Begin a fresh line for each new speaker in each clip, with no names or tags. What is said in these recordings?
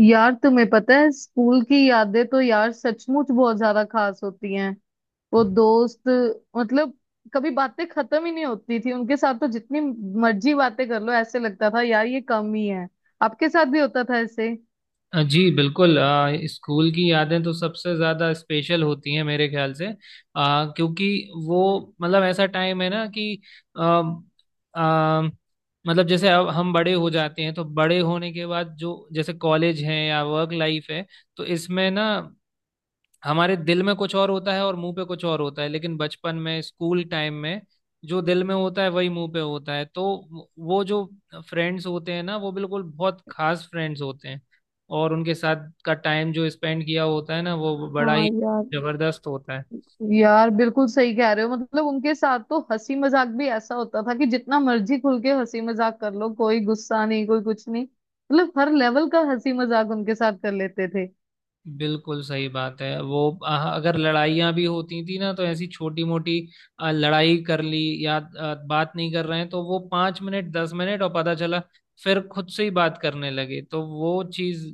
यार तुम्हें पता है स्कूल की यादें तो यार सचमुच बहुत ज्यादा खास होती हैं। वो दोस्त, मतलब कभी बातें खत्म ही नहीं होती थी उनके साथ। तो जितनी मर्जी बातें कर लो ऐसे लगता था यार ये कम ही है। आपके साथ भी होता था ऐसे?
जी बिल्कुल। स्कूल की यादें तो सबसे ज़्यादा स्पेशल होती हैं मेरे ख्याल से, क्योंकि वो मतलब ऐसा टाइम है ना कि अ, अ, मतलब जैसे अब हम बड़े हो जाते हैं तो बड़े होने के बाद जो जैसे कॉलेज है या वर्क लाइफ है, तो इसमें ना हमारे दिल में कुछ और होता है और मुंह पे कुछ और होता है, लेकिन बचपन में स्कूल टाइम में जो दिल में होता है वही मुंह पे होता है। तो वो जो फ्रेंड्स होते हैं ना वो बिल्कुल बहुत खास फ्रेंड्स होते हैं, और उनके साथ का टाइम जो स्पेंड किया होता है ना वो बड़ा ही
हाँ यार।
जबरदस्त होता है।
यार बिल्कुल सही कह रहे हो, मतलब उनके साथ तो हंसी मजाक भी ऐसा होता था कि जितना मर्जी खुल के हंसी मजाक कर लो, कोई गुस्सा नहीं, कोई कुछ नहीं। मतलब हर लेवल का हंसी मजाक उनके साथ कर लेते थे।
बिल्कुल सही बात है। वो अगर लड़ाइयाँ भी होती थी ना तो ऐसी छोटी मोटी लड़ाई कर ली, या बात नहीं कर रहे हैं तो वो पांच मिनट दस मिनट, और पता चला फिर खुद से ही बात करने लगे। तो वो चीज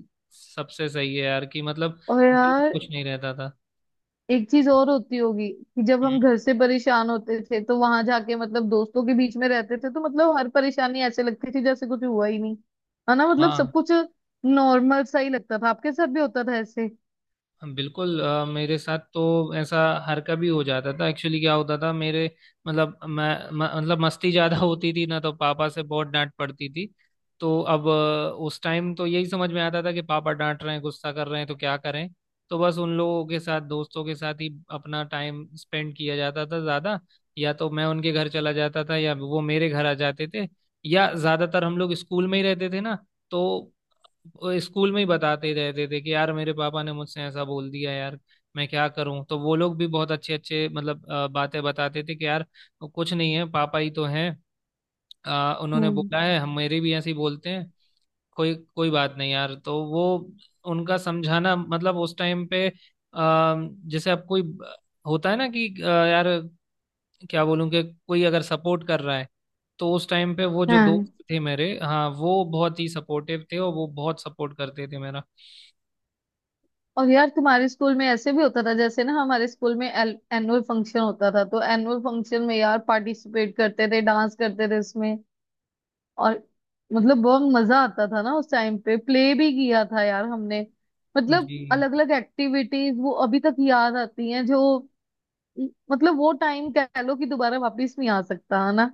सबसे सही है यार, कि मतलब
और
दिल में
यार
कुछ नहीं रहता था।
एक चीज और होती होगी कि जब हम
हम्म।
घर से परेशान होते थे तो वहां जाके, मतलब दोस्तों के बीच में रहते थे तो मतलब हर परेशानी ऐसे लगती थी जैसे कुछ हुआ ही नहीं। है ना, मतलब सब
हाँ
कुछ नॉर्मल सा ही लगता था। आपके साथ भी होता था ऐसे?
बिल्कुल, मेरे साथ तो ऐसा हर कभी हो जाता था। एक्चुअली क्या होता था मेरे मतलब, मतलब मस्ती ज़्यादा होती थी ना, तो पापा से बहुत डांट पड़ती थी। तो अब उस टाइम तो यही समझ में आता था कि पापा डांट रहे हैं गुस्सा कर रहे हैं तो क्या करें। तो बस उन लोगों के साथ, दोस्तों के साथ ही अपना टाइम स्पेंड किया जाता था ज़्यादा। या तो मैं उनके घर चला जाता था या वो मेरे घर आ जाते थे, या ज़्यादातर हम लोग स्कूल में ही रहते थे ना। तो वो स्कूल में ही बताते रहते थे कि यार मेरे पापा ने मुझसे ऐसा बोल दिया, यार मैं क्या करूं। तो वो लोग भी बहुत अच्छे अच्छे मतलब बातें बताते थे कि यार कुछ नहीं है, पापा ही तो हैं, उन्होंने
हम्म।
बोला है, हम मेरे भी ऐसे ही बोलते हैं, कोई कोई बात नहीं यार। तो वो उनका समझाना मतलब उस टाइम पे, जैसे अब कोई होता है ना कि यार क्या बोलूं कि कोई अगर सपोर्ट कर रहा है, तो उस टाइम पे वो जो
हाँ।
दोस्त थे मेरे, हाँ वो बहुत ही सपोर्टिव थे और वो बहुत सपोर्ट करते थे मेरा।
और यार तुम्हारे स्कूल में ऐसे भी होता था जैसे ना हमारे स्कूल में एल एनुअल फंक्शन होता था, तो एनुअल फंक्शन में यार पार्टिसिपेट करते थे, डांस करते थे उसमें। और मतलब बहुत मजा आता था ना उस टाइम पे। प्ले भी किया था यार हमने। मतलब
जी
अलग अलग एक्टिविटीज वो अभी तक याद आती हैं जो, मतलब वो टाइम कह लो कि दोबारा वापस नहीं आ सकता है ना।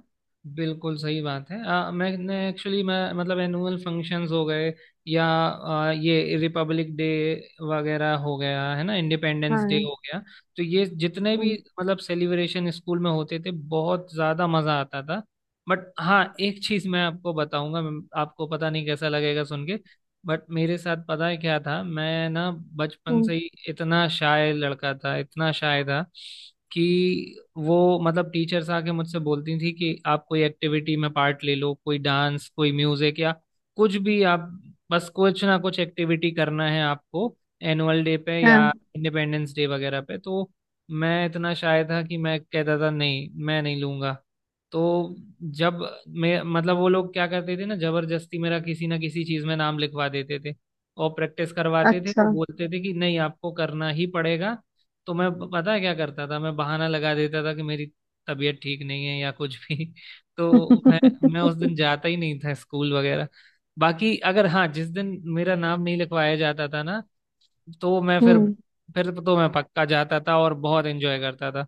बिल्कुल सही बात है। मैंने एक्चुअली मैं मतलब एनुअल फंक्शंस हो गए, या ये रिपब्लिक डे वगैरह हो गया है ना, इंडिपेंडेंस डे
हाँ।
हो गया, तो ये जितने भी
हम्म।
मतलब सेलिब्रेशन स्कूल में होते थे, बहुत ज़्यादा मज़ा आता था। बट हाँ, एक चीज़ मैं आपको बताऊंगा, मैं- आपको पता नहीं कैसा लगेगा सुन के, बट मेरे साथ पता है क्या था, मैं ना बचपन
हम्म,
से ही इतना शाय लड़का था, इतना शाय था कि वो मतलब टीचर्स आके मुझसे बोलती थी कि आप कोई एक्टिविटी में पार्ट ले लो, कोई डांस, कोई म्यूजिक, या कुछ भी आप, बस कुछ ना कुछ एक्टिविटी करना है आपको एनुअल डे पे या
हाँ।
इंडिपेंडेंस डे वगैरह पे। तो मैं इतना शाय था कि मैं कहता था नहीं मैं नहीं लूंगा। तो जब मैं मतलब, वो लोग क्या करते थे ना, जबरदस्ती मेरा किसी ना किसी चीज में नाम लिखवा देते थे, और प्रैक्टिस करवाते थे, वो
अच्छा।
बोलते थे कि नहीं आपको करना ही पड़ेगा। तो मैं ब- पता है क्या करता था, मैं बहाना लगा देता था कि मेरी तबीयत ठीक नहीं है या कुछ भी। तो मैं उस दिन
हम्म।
जाता ही नहीं था स्कूल वगैरह। बाकी अगर हाँ, जिस दिन मेरा नाम नहीं लिखवाया जाता था ना, तो मैं फिर तो मैं पक्का जाता था और बहुत एंजॉय करता था।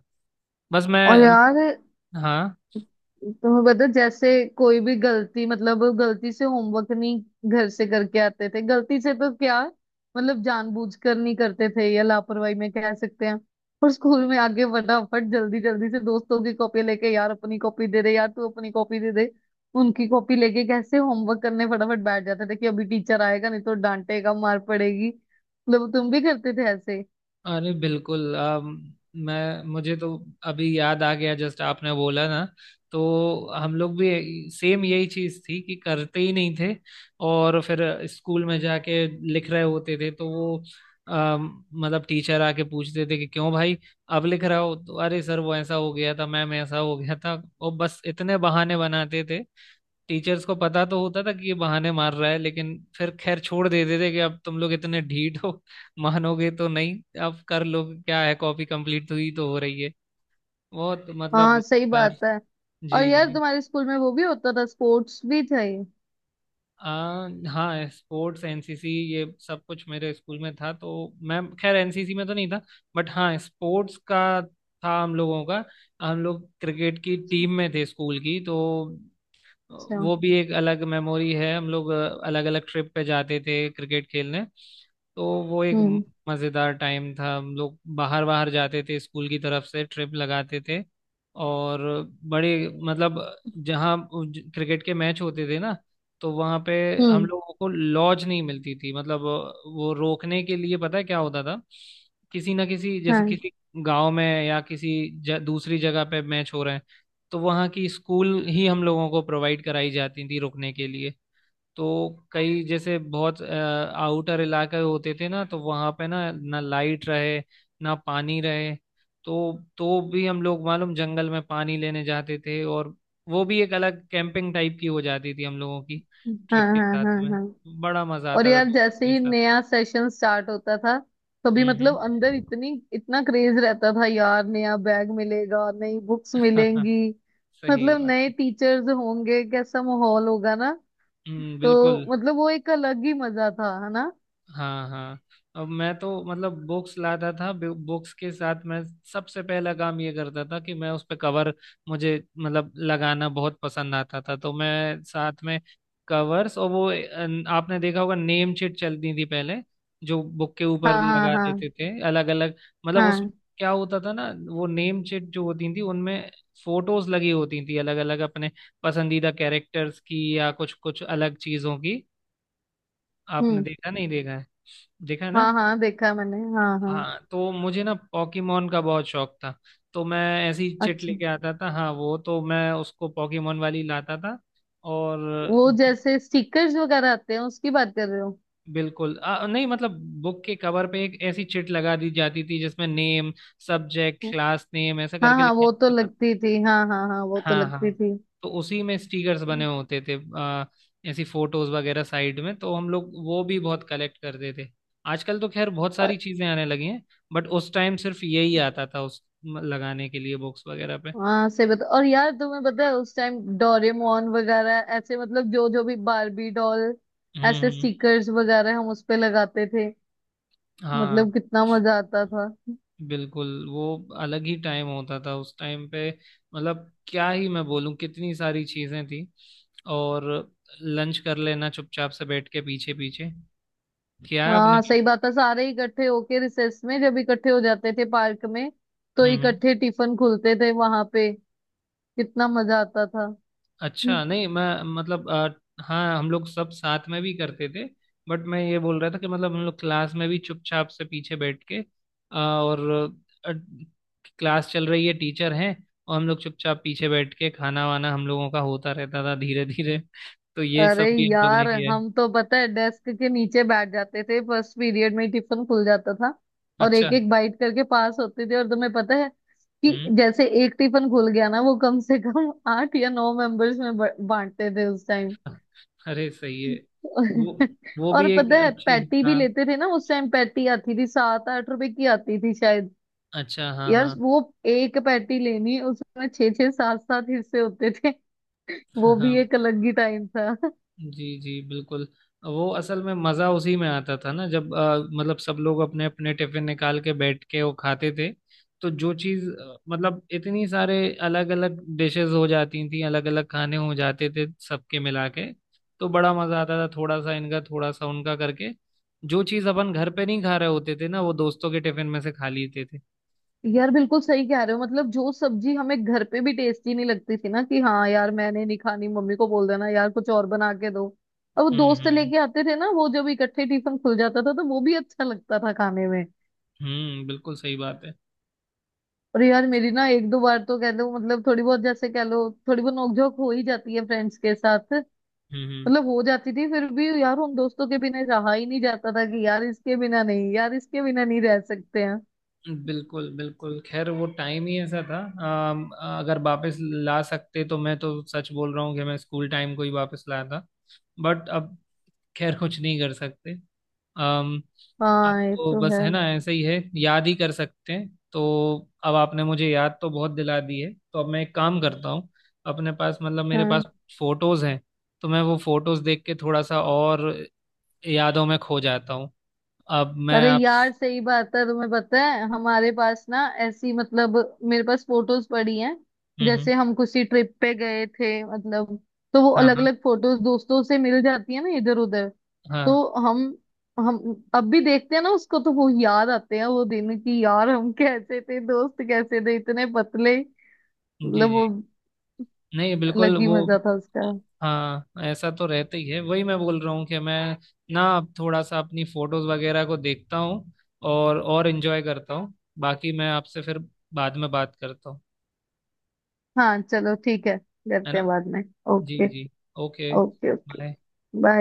बस मैं।
और यार
हाँ।
तुम्हें पता है, जैसे कोई भी गलती, मतलब गलती से होमवर्क नहीं घर से करके आते थे गलती से तो क्या, मतलब जानबूझ कर नहीं करते थे या लापरवाही में कह सकते हैं। और स्कूल में आके फटाफट जल्दी जल्दी से दोस्तों की कॉपी लेके, यार अपनी कॉपी दे दे, यार तू अपनी कॉपी दे दे। उनकी कॉपी लेके कैसे होमवर्क करने फटाफट बैठ जाते थे कि अभी टीचर आएगा नहीं तो डांटेगा, मार पड़ेगी। मतलब तुम भी करते थे ऐसे?
अरे बिल्कुल, मैं मुझे तो अभी याद आ गया जस्ट आपने बोला ना, तो हम लोग भी सेम यही चीज थी कि करते ही नहीं थे, और फिर स्कूल में जाके लिख रहे होते थे। तो वो मतलब टीचर आके पूछते थे कि क्यों भाई अब लिख रहा हो, तो अरे सर वो ऐसा हो गया था, मैम ऐसा हो गया था, और बस इतने बहाने बनाते थे। टीचर्स को पता तो होता था कि ये बहाने मार रहा है, लेकिन फिर खैर छोड़ देते थे कि अब तुम लोग इतने ढीठ हो, मानोगे तो नहीं, अब कर लो, क्या है, कॉपी कंप्लीट हुई तो हो रही है। बहुत
हाँ
मतलब
सही
यार।
बात है। और
जी
यार
जी।
तुम्हारे स्कूल में वो भी होता था, स्पोर्ट्स भी थे?
हाँ स्पोर्ट्स, एनसीसी, ये सब कुछ मेरे स्कूल में था। तो मैं खैर एनसीसी में तो नहीं था, बट हाँ स्पोर्ट्स का था हम लोगों का। हम लोग क्रिकेट की टीम में थे स्कूल की, तो
अच्छा।
वो भी एक अलग मेमोरी है। हम लोग अलग अलग ट्रिप पे जाते थे क्रिकेट खेलने, तो वो एक
हम्म।
मज़ेदार टाइम था। हम लोग बाहर बाहर जाते थे, स्कूल की तरफ से ट्रिप लगाते थे, और बड़े मतलब जहाँ क्रिकेट के मैच होते थे ना, तो वहाँ पे हम
हम्म।
लोगों को लॉज नहीं मिलती थी, मतलब वो रोकने के लिए। पता है क्या होता था, किसी ना किसी जैसे
हाँ
किसी गांव में या किसी दूसरी जगह पे मैच हो रहे हैं, तो वहाँ की स्कूल ही हम लोगों को प्रोवाइड कराई जाती थी रुकने के लिए। तो कई जैसे बहुत आउटर इलाके होते थे ना, तो वहाँ पे ना ना लाइट रहे ना पानी रहे, तो तो भी हम लोग मालूम जंगल में पानी लेने जाते थे, और वो भी एक अलग कैंपिंग टाइप की हो जाती थी हम लोगों की
हाँ
ट्रिप के
हाँ हाँ।
साथ में।
हाँ।
बड़ा मजा
और
आता था
यार जैसे
दोस्तों के
ही
साथ।
नया सेशन स्टार्ट होता था तभी मतलब अंदर
हम्म
इतनी इतना क्रेज रहता था यार, नया बैग मिलेगा, नई बुक्स
हम्म।
मिलेंगी,
सही
मतलब
बात।
नए टीचर्स होंगे, कैसा माहौल होगा ना। तो
बिल्कुल।
मतलब वो एक अलग ही मजा था है ना।
हाँ हाँ। अब मैं तो मतलब बुक्स लाता था, बुक्स के साथ मैं सबसे पहला काम ये करता था कि मैं उस पे कवर, मुझे मतलब लगाना बहुत पसंद आता था, तो मैं साथ में कवर्स, और वो आपने देखा होगा नेम शीट चलती थी पहले, जो बुक के ऊपर
हाँ हाँ
लगा
हाँ
देते थे अलग अलग, मतलब उसमें
हाँ।
क्या होता था ना, वो नेम शीट जो होती थी उनमें फोटोज लगी होती थी अलग अलग, अपने पसंदीदा कैरेक्टर्स की या कुछ कुछ अलग चीजों की। आपने
हम्म।
देखा नहीं, देखा है, देखा है ना।
हाँ हाँ देखा है मैंने, हाँ हाँ।
हाँ तो मुझे ना पॉकीमोन का बहुत शौक था, तो मैं ऐसी चिट
अच्छा,
लेके आता था, हाँ वो तो मैं उसको पॉकीमोन वाली लाता था। और
वो जैसे स्टिकर्स वगैरह आते हैं उसकी बात कर रहे हो?
बिल्कुल, नहीं मतलब बुक के कवर पे एक ऐसी चिट लगा दी जाती थी जिसमें नेम, सब्जेक्ट, क्लास, नेम ऐसा
हाँ
करके
हाँ
लिखा
वो तो
जाता था।
लगती थी, हाँ हाँ हाँ वो तो
हाँ
लगती
हाँ,
थी।
तो उसी में स्टिकर्स बने होते थे, ऐसी फोटोज वगैरह साइड में, तो हम लोग वो भी बहुत कलेक्ट करते थे। आजकल तो खैर बहुत
और
सारी चीजें आने लगी हैं, बट उस टाइम सिर्फ यही आता था उस म- लगाने के लिए बॉक्स वगैरह पे।
हाँ से बता। और यार तुम्हें पता है उस टाइम डोरेमोन वगैरह ऐसे, मतलब जो जो भी बारबी डॉल, ऐसे
हम्म।
स्टिकर्स वगैरह हम उस पे लगाते थे।
हाँ
मतलब कितना मजा आता था।
बिल्कुल, वो अलग ही टाइम होता था उस टाइम पे। मतलब क्या ही मैं बोलूं, कितनी सारी चीजें थी। और लंच कर लेना चुपचाप से बैठ के पीछे पीछे, किया है आपने।
हाँ सही बात है, सारे इकट्ठे होके रिसेस में जब इकट्ठे हो जाते थे पार्क में तो
हम्म हम्म।
इकट्ठे टिफिन खुलते थे वहां पे। कितना मजा आता था।
अच्छा नहीं, मैं मतलब हाँ हम लोग सब साथ में भी करते थे, बट मैं ये बोल रहा था कि मतलब हम लोग क्लास में भी चुपचाप से पीछे बैठ के, और अ, क्लास चल रही है, टीचर हैं, और हम लोग चुपचाप पीछे बैठ के खाना वाना हम लोगों का होता रहता था, धीरे धीरे। तो ये
अरे
सब भी हम लोग ने
यार
किया है।
हम तो पता है डेस्क के नीचे बैठ जाते थे, फर्स्ट पीरियड में ही टिफिन खुल जाता था। और
अच्छा।
एक एक बाइट करके पास होते थे। और तुम्हें पता है कि
हम्म।
जैसे एक टिफिन खुल गया ना वो कम से कम आठ या नौ मेंबर्स में बांटते थे उस टाइम।
अरे सही है, वो वो
और
भी एक
पता है
अच्छी।
पैटी भी
हाँ।
लेते थे ना उस टाइम। पैटी आती थी सात आठ रुपए की आती थी शायद।
अच्छा हाँ
यार
हाँ
वो एक पैटी लेनी उसमें छह छह सात सात हिस्से होते थे। वो भी
हाँ।
एक अलग ही टाइम था।
जी जी बिल्कुल, वो असल में मज़ा उसी में आता था ना, जब मतलब सब लोग अपने अपने टिफिन निकाल के बैठ के वो खाते थे, तो जो चीज़ मतलब इतनी सारे अलग अलग डिशेस हो जाती थी, अलग अलग खाने हो जाते थे सबके मिला के, तो बड़ा मज़ा आता था, थोड़ा सा इनका थोड़ा सा उनका करके, जो चीज़ अपन घर पे नहीं खा रहे होते थे ना, वो दोस्तों के टिफिन में से खा लेते थे।
यार बिल्कुल सही कह रहे हो, मतलब जो सब्जी हमें घर पे भी टेस्टी नहीं लगती थी ना कि हाँ यार मैंने नहीं खानी, मम्मी को बोल देना यार कुछ और बना के दो। अब वो दोस्त
हम्म।
लेके आते थे ना, वो जब इकट्ठे टिफिन खुल जाता था तो वो भी अच्छा लगता था खाने में।
बिल्कुल सही बात है।
और यार मेरी ना एक दो बार तो कह लो मतलब थोड़ी बहुत जैसे कह लो थोड़ी बहुत नोकझोंक हो ही जाती है फ्रेंड्स के साथ।
हम्म।
मतलब हो जाती थी, फिर भी यार उन दोस्तों के बिना रहा ही नहीं जाता था कि यार इसके बिना नहीं, यार इसके बिना नहीं रह सकते हैं।
बिल्कुल बिल्कुल, खैर वो टाइम ही ऐसा था। अम, अगर वापस ला सकते तो मैं तो सच बोल रहा हूँ कि मैं स्कूल टाइम को ही वापस लाया था, बट अब खैर कुछ नहीं कर सकते। अम, अब
हाँ ये
तो
तो
बस
है।
है ना, ऐसे ही है, याद ही कर सकते हैं। तो अब आपने मुझे याद तो बहुत दिला दी है, तो अब मैं एक काम करता हूँ। अपने पास मतलब मेरे पास
हाँ।
फोटोज हैं, तो मैं वो फोटोज देख के थोड़ा सा और यादों में खो जाता हूँ। अब मैं
अरे
आप।
यार सही बात है। तुम्हें पता है हमारे पास ना ऐसी, मतलब मेरे पास फोटोज पड़ी हैं,
हम्म।
जैसे हम किसी ट्रिप पे गए थे मतलब, तो वो
हाँ
अलग
हाँ
अलग फोटोज दोस्तों से मिल जाती है ना इधर उधर।
हाँ।
तो हम हम अब भी देखते हैं ना उसको तो वो याद आते हैं वो दिन की यार हम कैसे थे, दोस्त कैसे थे इतने पतले,
जी
मतलब
जी,
वो
नहीं बिल्कुल
अलग ही
वो।
मजा था उसका।
हाँ ऐसा तो रहता ही है, वही मैं बोल रहा हूँ कि मैं ना अब थोड़ा सा अपनी फोटोज वगैरह को देखता हूँ, और एंजॉय करता हूँ। बाकी मैं आपसे फिर बाद में बात करता हूँ,
हाँ चलो ठीक है,
है
करते
ना।
हैं बाद में।
जी
ओके।
जी, okay,
okay okay.
Bye.
Bye.